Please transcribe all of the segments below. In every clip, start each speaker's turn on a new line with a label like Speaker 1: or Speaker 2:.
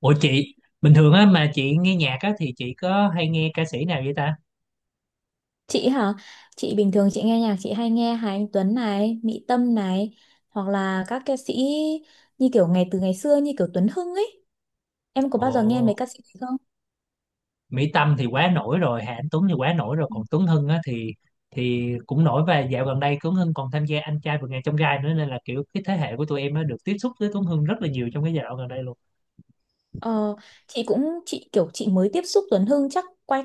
Speaker 1: Ủa chị, bình thường á mà chị nghe nhạc á thì chị có hay nghe ca sĩ nào vậy ta?
Speaker 2: Chị hả? Chị bình thường chị nghe nhạc chị hay nghe Hà Anh Tuấn này, Mỹ Tâm này, hoặc là các ca sĩ như kiểu ngày từ ngày xưa như kiểu Tuấn Hưng ấy. Em có
Speaker 1: Ồ,
Speaker 2: bao giờ nghe mấy ca sĩ này không?
Speaker 1: Mỹ Tâm thì quá nổi rồi, Hà Anh Tuấn thì quá nổi rồi, còn Tuấn Hưng á thì cũng nổi. Và dạo gần đây Tuấn Hưng còn tham gia Anh trai vượt ngàn chông gai nữa, nên là kiểu cái thế hệ của tụi em á được tiếp xúc với Tuấn Hưng rất là nhiều trong cái giai đoạn gần đây luôn.
Speaker 2: Ờ, chị cũng chị mới tiếp xúc Tuấn Hưng chắc quay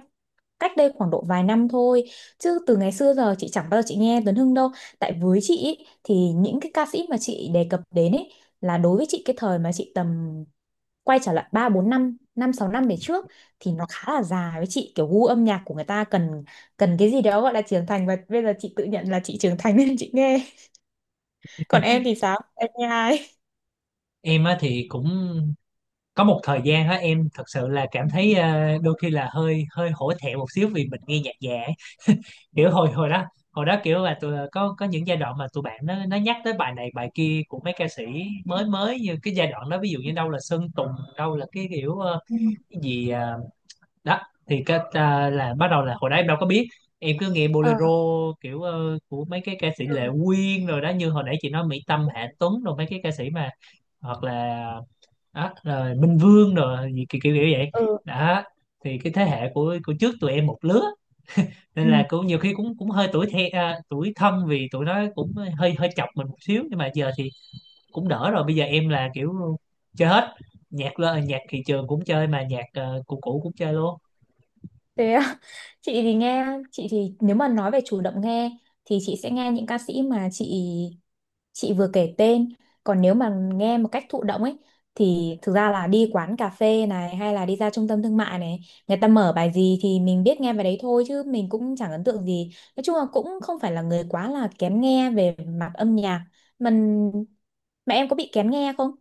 Speaker 2: cách đây khoảng độ vài năm thôi, chứ từ ngày xưa giờ chị chẳng bao giờ chị nghe Tuấn Hưng đâu. Tại với chị ý, thì những cái ca sĩ mà chị đề cập đến ấy là đối với chị cái thời mà chị tầm quay trở lại 3 4 năm, 5 6 năm về trước thì nó khá là dài với chị, kiểu gu âm nhạc của người ta cần cần cái gì đó gọi là trưởng thành, và bây giờ chị tự nhận là chị trưởng thành nên chị nghe. Còn em thì sao? Em nghe ai?
Speaker 1: Em á thì cũng có một thời gian á em thật sự là cảm thấy đôi khi là hơi hơi hổ thẹn một xíu, vì mình nghe nhạc già, kiểu hồi hồi đó, kiểu là tụi có những giai đoạn mà tụi bạn nó nhắc tới bài này bài kia của mấy ca sĩ mới mới, như cái giai đoạn đó, ví dụ như đâu là Sơn Tùng, đâu là cái kiểu
Speaker 2: Ừ.
Speaker 1: cái gì đó. Thì cái là bắt đầu, là hồi đó em đâu có biết, em cứ nghe bolero
Speaker 2: Ờ,
Speaker 1: kiểu của mấy cái ca sĩ
Speaker 2: ừ,
Speaker 1: Lệ Quyên rồi đó, như hồi nãy chị nói Mỹ Tâm, Hạ Tuấn, rồi mấy cái ca sĩ mà hoặc là đó, rồi Minh Vương, rồi gì kiểu kiểu kiểu vậy
Speaker 2: ừ,
Speaker 1: đó. Thì cái thế hệ của trước tụi em một lứa, nên
Speaker 2: ừ.
Speaker 1: là cũng nhiều khi cũng cũng hơi tuổi tuổi thân, vì tụi nó cũng hơi hơi chọc mình một xíu. Nhưng mà giờ thì cũng đỡ rồi, bây giờ em là kiểu chơi hết, nhạc lơ nhạc thị trường cũng chơi mà nhạc cũ cũ cũng chơi luôn.
Speaker 2: Thế à? Chị thì nghe, chị thì nếu mà nói về chủ động nghe thì chị sẽ nghe những ca sĩ mà chị vừa kể tên, còn nếu mà nghe một cách thụ động ấy thì thực ra là đi quán cà phê này hay là đi ra trung tâm thương mại này, người ta mở bài gì thì mình biết nghe bài đấy thôi, chứ mình cũng chẳng ấn tượng gì. Nói chung là cũng không phải là người quá là kén nghe về mặt âm nhạc. Mình, mà em có bị kén nghe không?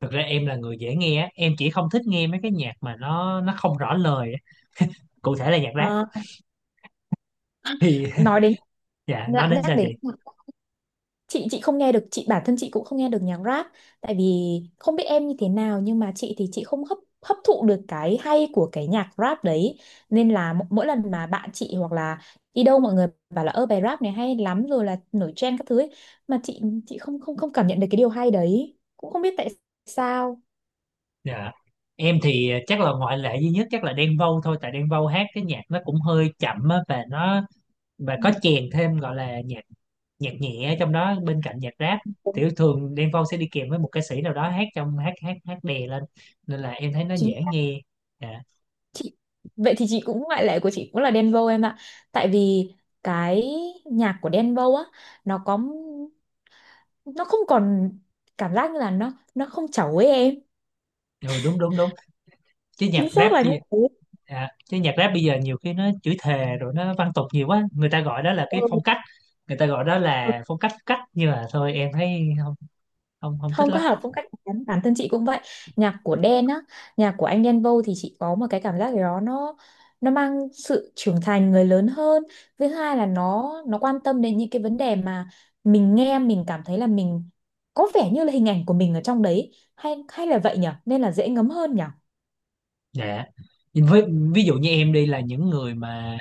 Speaker 1: Thực ra em là người dễ nghe á. Em chỉ không thích nghe mấy cái nhạc mà nó không rõ lời á. Cụ thể là nhạc rap
Speaker 2: Ờ,
Speaker 1: thì
Speaker 2: nói đến
Speaker 1: dạ, nói
Speaker 2: lại
Speaker 1: đến
Speaker 2: nhắc
Speaker 1: sao chị?
Speaker 2: đến chị không nghe được, chị bản thân chị cũng không nghe được nhạc rap. Tại vì không biết em như thế nào, nhưng mà chị thì chị không hấp hấp thụ được cái hay của cái nhạc rap đấy, nên là mỗi lần mà bạn chị hoặc là đi đâu, mọi người bảo là ơ bài rap này hay lắm rồi là nổi trend các thứ ấy. Mà chị không không không cảm nhận được cái điều hay đấy, cũng không biết tại sao.
Speaker 1: Dạ, em thì chắc là ngoại lệ duy nhất chắc là Đen Vâu thôi, tại Đen Vâu hát cái nhạc nó cũng hơi chậm á, và
Speaker 2: Ừ,
Speaker 1: có chèn thêm gọi là nhạc nhạc nhẹ trong đó bên cạnh nhạc rap. Thì
Speaker 2: đúng,
Speaker 1: thường Đen Vâu sẽ đi kèm với một ca sĩ nào đó hát trong hát hát hát đè lên, nên là em thấy nó
Speaker 2: chính
Speaker 1: dễ
Speaker 2: xác.
Speaker 1: nghe. Dạ
Speaker 2: Chị vậy thì chị cũng, ngoại lệ của chị cũng là Đen Vâu em ạ, tại vì cái nhạc của Đen Vâu á, nó có, nó không còn cảm giác như là nó không chẩu ấy em.
Speaker 1: rồi, đúng đúng đúng. Chứ nhạc
Speaker 2: Chính
Speaker 1: rap
Speaker 2: xác là
Speaker 1: bây
Speaker 2: như
Speaker 1: giờ,
Speaker 2: thế.
Speaker 1: nhiều khi nó chửi thề rồi nó văn tục nhiều quá, người ta gọi đó là cái
Speaker 2: Ừ.
Speaker 1: phong cách, người ta gọi đó
Speaker 2: Ừ.
Speaker 1: là phong cách cách nhưng mà thôi, em thấy không không không thích
Speaker 2: Không có
Speaker 1: lắm.
Speaker 2: hợp phong cách của hắn. Bản thân chị cũng vậy. Nhạc của Đen á, nhạc của anh Đen Vâu thì chị có một cái cảm giác gì đó, nó mang sự trưởng thành người lớn hơn. Thứ hai là nó quan tâm đến những cái vấn đề mà mình nghe mình cảm thấy là mình có vẻ như là hình ảnh của mình ở trong đấy, hay hay là vậy nhở, nên là dễ ngấm hơn nhở.
Speaker 1: Dạ, với ví dụ như em đi, là những người mà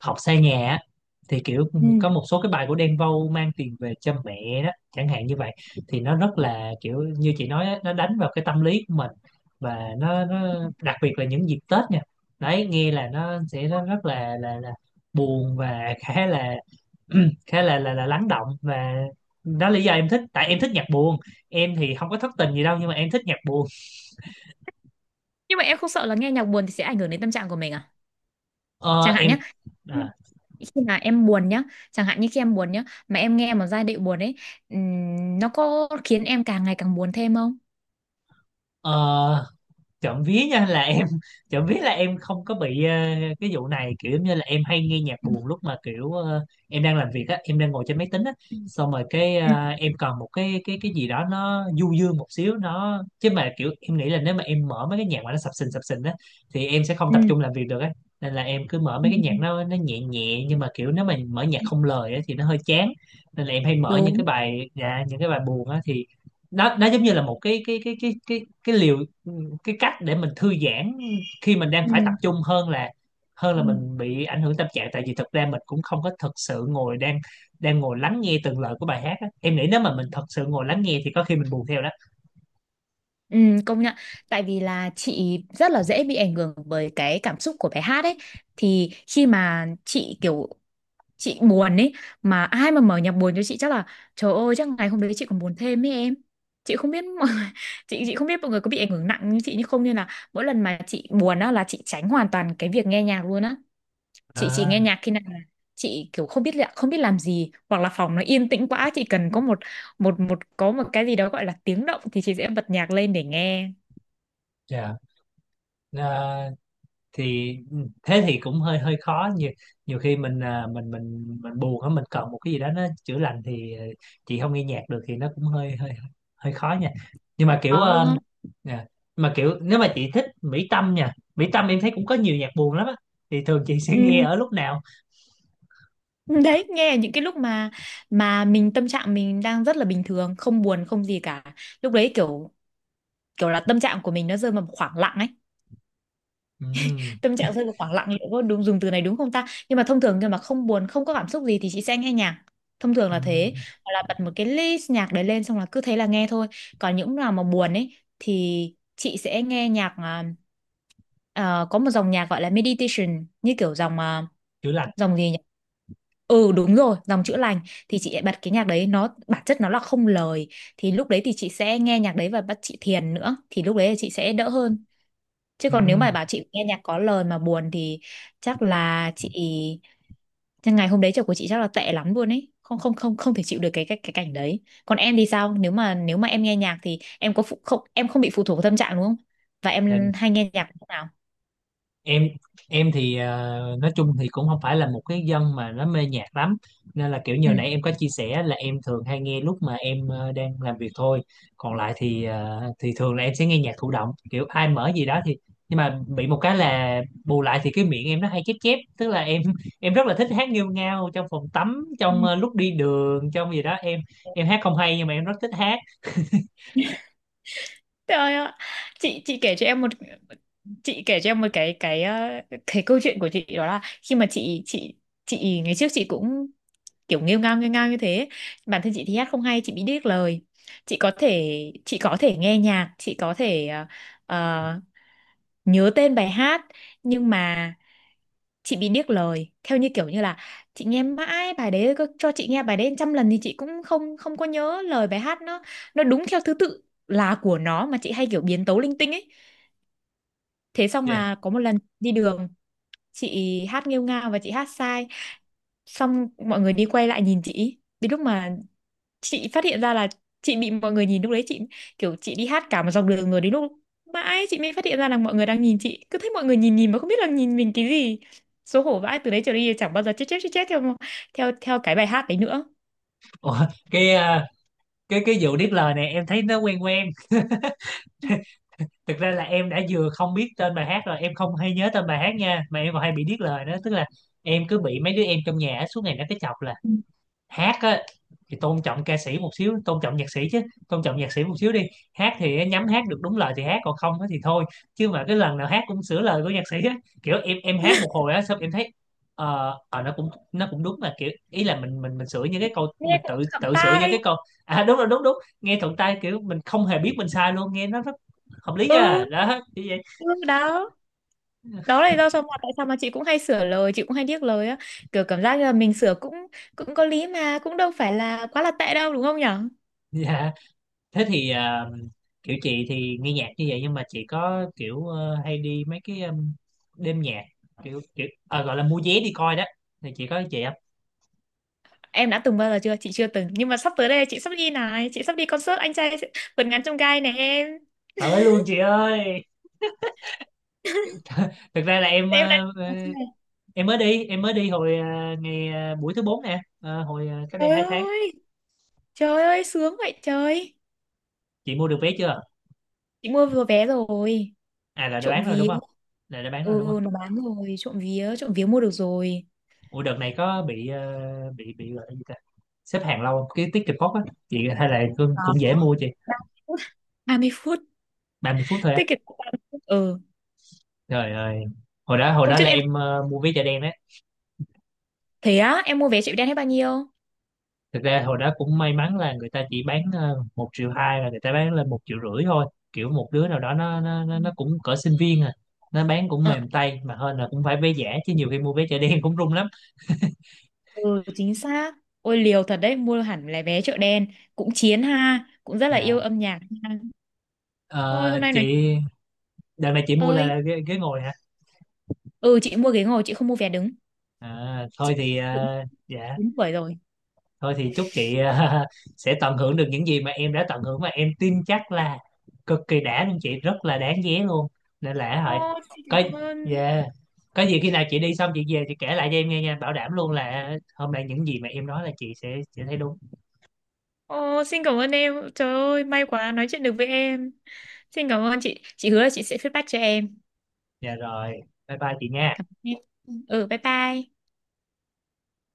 Speaker 1: học xa nhà á, thì kiểu
Speaker 2: Ừ.
Speaker 1: có một số cái bài của Đen Vâu, mang tiền về cho mẹ đó chẳng hạn như vậy, thì nó rất là kiểu như chị nói á, nó đánh vào cái tâm lý của mình. Và nó đặc biệt là những dịp Tết nha, đấy nghe là nó sẽ rất rất là buồn và khá là khá là lắng động. Và đó là lý do em thích, tại em thích nhạc buồn. Em thì không có thất tình gì đâu nhưng mà em thích nhạc buồn.
Speaker 2: Nhưng mà em không sợ là nghe nhạc buồn thì sẽ ảnh hưởng đến tâm trạng của mình à?
Speaker 1: Ờ,
Speaker 2: Chẳng hạn
Speaker 1: em
Speaker 2: nhé.
Speaker 1: à,
Speaker 2: Khi mà em buồn nhá, chẳng hạn như khi em buồn nhá mà em nghe một giai điệu buồn ấy, nó có khiến em càng ngày càng buồn thêm không?
Speaker 1: ờ, trộm vía nha là em trộm vía là em không có bị cái vụ này, kiểu giống như là em hay nghe nhạc
Speaker 2: Ừ,
Speaker 1: buồn lúc mà kiểu em đang làm việc á, em đang ngồi trên máy tính á. Xong rồi cái
Speaker 2: ừ, ừ,
Speaker 1: em cần một cái gì đó nó du dương một xíu, nó chứ mà kiểu em nghĩ là nếu mà em mở mấy cái nhạc mà nó sập sình á thì em sẽ không tập
Speaker 2: ừ,
Speaker 1: trung làm việc được á. Nên là em cứ mở
Speaker 2: ừ,
Speaker 1: mấy cái nhạc nó nhẹ nhẹ, nhưng mà kiểu nếu mà mở nhạc
Speaker 2: ừ,
Speaker 1: không lời á thì nó hơi chán. Nên là em hay mở những
Speaker 2: đúng,
Speaker 1: cái bài, dạ, những cái bài buồn á. Thì nó giống như là một cái liều, cái cách để mình thư giãn khi mình đang phải tập
Speaker 2: ừ,
Speaker 1: trung, hơn là hơn
Speaker 2: ừ.
Speaker 1: là mình bị ảnh hưởng tâm trạng. Tại vì thực ra mình cũng không có thực sự ngồi đang đang ngồi lắng nghe từng lời của bài hát á. Em nghĩ nếu mà mình thật sự ngồi lắng nghe thì có khi mình buồn theo đó.
Speaker 2: Ừ, công nhận, tại vì là chị rất là dễ bị ảnh hưởng bởi cái cảm xúc của bài hát ấy, thì khi mà chị kiểu chị buồn ấy, mà ai mà mở nhạc buồn cho chị chắc là trời ơi chắc ngày hôm đấy chị còn buồn thêm ấy em. Chị không biết mọi người, chị không biết mọi người có bị ảnh hưởng nặng như chị như không, nên là mỗi lần mà chị buồn á là chị tránh hoàn toàn cái việc nghe nhạc luôn á. Chị chỉ nghe
Speaker 1: À,
Speaker 2: nhạc khi nào là chị kiểu không biết là không biết làm gì, hoặc là phòng nó yên tĩnh quá chị cần có một một một có một cái gì đó gọi là tiếng động thì chị sẽ bật nhạc lên để nghe.
Speaker 1: dạ. À, thì ừ, thế thì cũng hơi hơi khó, nhiều nhiều khi mình buồn á, mình cần một cái gì đó nó chữa lành, thì chị không nghe nhạc được thì nó cũng hơi hơi hơi khó nha. Nhưng mà kiểu
Speaker 2: Có đúng không?
Speaker 1: nè, mà kiểu nếu mà chị thích Mỹ Tâm, nha Mỹ Tâm em thấy cũng có nhiều nhạc buồn lắm á, thì thường chị sẽ nghe
Speaker 2: Ừ,
Speaker 1: ở lúc nào?
Speaker 2: đấy nghe những cái lúc mà mình tâm trạng mình đang rất là bình thường, không buồn không gì cả, lúc đấy kiểu kiểu là tâm trạng của mình nó rơi vào một khoảng lặng ấy.
Speaker 1: Ừm,
Speaker 2: Tâm trạng rơi vào khoảng lặng liệu có đúng dùng từ này đúng không ta, nhưng mà thông thường khi mà không buồn không có cảm xúc gì thì chị sẽ nghe nhạc, thông thường là thế.
Speaker 1: ừm,
Speaker 2: Hoặc là bật một cái list nhạc đấy lên xong là cứ thế là nghe thôi. Còn những nào mà buồn ấy thì chị sẽ nghe nhạc có một dòng nhạc gọi là meditation, như kiểu dòng
Speaker 1: chữa lành.
Speaker 2: dòng gì nhỉ, ừ đúng rồi, dòng chữa lành, thì chị lại bật cái nhạc đấy, nó bản chất nó là không lời, thì lúc đấy thì chị sẽ nghe nhạc đấy và bắt chị thiền nữa thì lúc đấy là chị sẽ đỡ hơn. Chứ còn nếu
Speaker 1: Ừm,
Speaker 2: mà bảo chị nghe nhạc có lời mà buồn thì chắc là chị chắc ngày hôm đấy trời của chị chắc là tệ lắm luôn ấy. Không không không, không thể chịu được cái cảnh đấy. Còn em thì sao? Nếu mà em nghe nhạc thì em có phụ, không em không bị phụ thuộc vào tâm trạng đúng không? Và
Speaker 1: dạ,
Speaker 2: em hay nghe nhạc lúc nào?
Speaker 1: em em thì nói chung thì cũng không phải là một cái dân mà nó mê nhạc lắm, nên là kiểu
Speaker 2: Ừ.
Speaker 1: như nãy em có chia sẻ là em thường hay nghe lúc mà em đang làm việc thôi. Còn lại thì thì thường là em sẽ nghe nhạc thụ động, kiểu ai mở gì đó thì... nhưng mà bị một cái là bù lại thì cái miệng em nó hay chép chép, tức là em em rất là thích hát nghêu ngao trong phòng tắm,
Speaker 2: Ừ.
Speaker 1: trong lúc đi đường, trong gì đó. Em hát không hay nhưng mà em rất thích hát.
Speaker 2: Trời ơi, chị kể cho em một chị kể cho em một cái câu chuyện của chị, đó là khi mà chị ngày trước chị cũng kiểu nghêu ngao như thế. Bản thân chị thì hát không hay, chị bị điếc lời. Chị có thể chị có thể nghe nhạc, chị có thể ờ, nhớ tên bài hát, nhưng mà chị bị điếc lời, theo như kiểu như là chị nghe mãi bài đấy, có cho chị nghe bài đấy trăm lần thì chị cũng không không có nhớ lời bài hát, nó đúng theo thứ tự là của nó, mà chị hay kiểu biến tấu linh tinh ấy. Thế xong
Speaker 1: Dạ.
Speaker 2: mà có một lần đi đường chị hát nghêu ngao và chị hát sai, xong mọi người đi quay lại nhìn chị, đến lúc mà chị phát hiện ra là chị bị mọi người nhìn, lúc đấy chị kiểu chị đi hát cả một dọc đường rồi đến lúc mãi chị mới phát hiện ra là mọi người đang nhìn chị, cứ thấy mọi người nhìn nhìn mà không biết là nhìn mình cái gì, xấu hổ vãi, từ đấy trở đi chẳng bao giờ chết chết chết chết theo theo theo cái bài hát đấy nữa.
Speaker 1: Ủa, cái ờ, cái vụ điếc lời này em thấy nó quen quen. Thực ra là em đã vừa không biết tên bài hát, rồi em không hay nhớ tên bài hát nha, mà em còn hay bị điếc lời nữa. Tức là em cứ bị mấy đứa em trong nhà á, suốt ngày nó cứ chọc là:
Speaker 2: Ừ.
Speaker 1: hát á thì tôn trọng ca sĩ một xíu, tôn trọng nhạc sĩ chứ, tôn trọng nhạc sĩ một xíu đi, hát thì nhắm hát được đúng lời thì hát còn không á thì thôi, chứ mà cái lần nào hát cũng sửa lời của nhạc sĩ á. Kiểu em hát một hồi á xong em thấy nó cũng đúng, mà kiểu ý là mình sửa những cái câu,
Speaker 2: Nghe
Speaker 1: mình tự
Speaker 2: cũng khập
Speaker 1: tự sửa những
Speaker 2: tai.
Speaker 1: cái câu... À đúng rồi, đúng đúng, nghe thuận tay, kiểu mình không hề biết mình sai luôn, nghe nó rất hợp lý
Speaker 2: Ừ,
Speaker 1: nha, đó như vậy.
Speaker 2: ừ, đó, đó là lý do sao mà tại sao mà chị cũng hay sửa lời, chị cũng hay điếc lời á. Kiểu cảm giác như là mình sửa cũng cũng có lý, mà cũng đâu phải là quá là tệ đâu đúng không nhỉ.
Speaker 1: Dạ. Thế thì kiểu chị thì nghe nhạc như vậy, nhưng mà chị có kiểu hay đi mấy cái đêm nhạc, kiểu kiểu ờ, gọi là mua vé đi coi đó, thì chị có chị không?
Speaker 2: Em đã từng bao giờ chưa? Chị chưa từng. Nhưng mà sắp tới đây chị sắp đi này. Chị sắp đi concert anh trai vượt ngàn chông gai này em.
Speaker 1: Tới luôn chị ơi. Thực ra là em
Speaker 2: Em đã... À,
Speaker 1: em mới đi hồi buổi thứ bốn nè. Ờ, hồi cách đây
Speaker 2: trời
Speaker 1: 2 tháng.
Speaker 2: ơi. Trời ơi, sướng vậy trời.
Speaker 1: Chị mua được vé chưa?
Speaker 2: Chị mua vừa vé rồi.
Speaker 1: À là đã
Speaker 2: Trộm
Speaker 1: bán rồi đúng
Speaker 2: vía.
Speaker 1: không? Là đã bán rồi đúng không?
Speaker 2: Ừ, nó bán rồi. Trộm vía. Trộm vía mua được rồi.
Speaker 1: Ủa, đợt này có bị ờ, bị gọi là gì ta, xếp hàng lâu không? Cái ticket box á chị hay là cũng
Speaker 2: Đó. ba
Speaker 1: cũng dễ mua chị?
Speaker 2: mươi phút. 30 phút.
Speaker 1: 30 phút thôi á?
Speaker 2: Tiết kiệm được 30 phút. Ừ.
Speaker 1: Trời ơi, hồi đó hồi
Speaker 2: Hôm
Speaker 1: đó
Speaker 2: trước
Speaker 1: là
Speaker 2: em...
Speaker 1: em mua vé chợ đen đấy.
Speaker 2: Thế á, em mua vé chợ đen hết bao nhiêu?
Speaker 1: Thực ra hồi đó cũng may mắn là người ta chỉ bán 1,2 triệu, là người ta bán lên 1,5 triệu thôi. Kiểu một đứa nào đó nó nó nó,
Speaker 2: Ừ.
Speaker 1: nó cũng cỡ sinh viên à, nó bán cũng
Speaker 2: Ờ,
Speaker 1: mềm tay mà hơn, là cũng phải vé giả chứ, nhiều khi mua vé chợ đen cũng rung lắm.
Speaker 2: ừ, chính xác. Ôi liều thật đấy, mua hẳn là vé chợ đen. Cũng chiến ha. Cũng rất là
Speaker 1: Dạ.
Speaker 2: yêu âm nhạc ha.
Speaker 1: Ờ,
Speaker 2: Ôi hôm nay nói
Speaker 1: chị đợt này chị mua
Speaker 2: ơi,
Speaker 1: là ghế, ghế ngồi hả?
Speaker 2: ừ chị mua ghế ngồi chị không mua vé đứng.
Speaker 1: À, thôi
Speaker 2: Chị
Speaker 1: thì
Speaker 2: cũng
Speaker 1: dạ
Speaker 2: đúng tuổi rồi.
Speaker 1: thôi thì chúc chị sẽ tận hưởng được những gì mà em đã tận hưởng, và em tin chắc là cực kỳ đã luôn, chị rất là đáng ghé luôn nên là hỏi
Speaker 2: Ồ, xin
Speaker 1: có...
Speaker 2: cảm ơn.
Speaker 1: Yeah. Có gì khi nào chị đi xong chị về chị kể lại cho em nghe nha, bảo đảm luôn là hôm nay những gì mà em nói là chị sẽ thấy đúng.
Speaker 2: Ồ, xin cảm ơn em. Trời ơi, may quá nói chuyện được với em. Xin cảm ơn chị. Chị hứa là chị sẽ feedback cho em.
Speaker 1: Dạ rồi, bye bye chị nha.
Speaker 2: Cảm ơn em. Ừ, bye bye.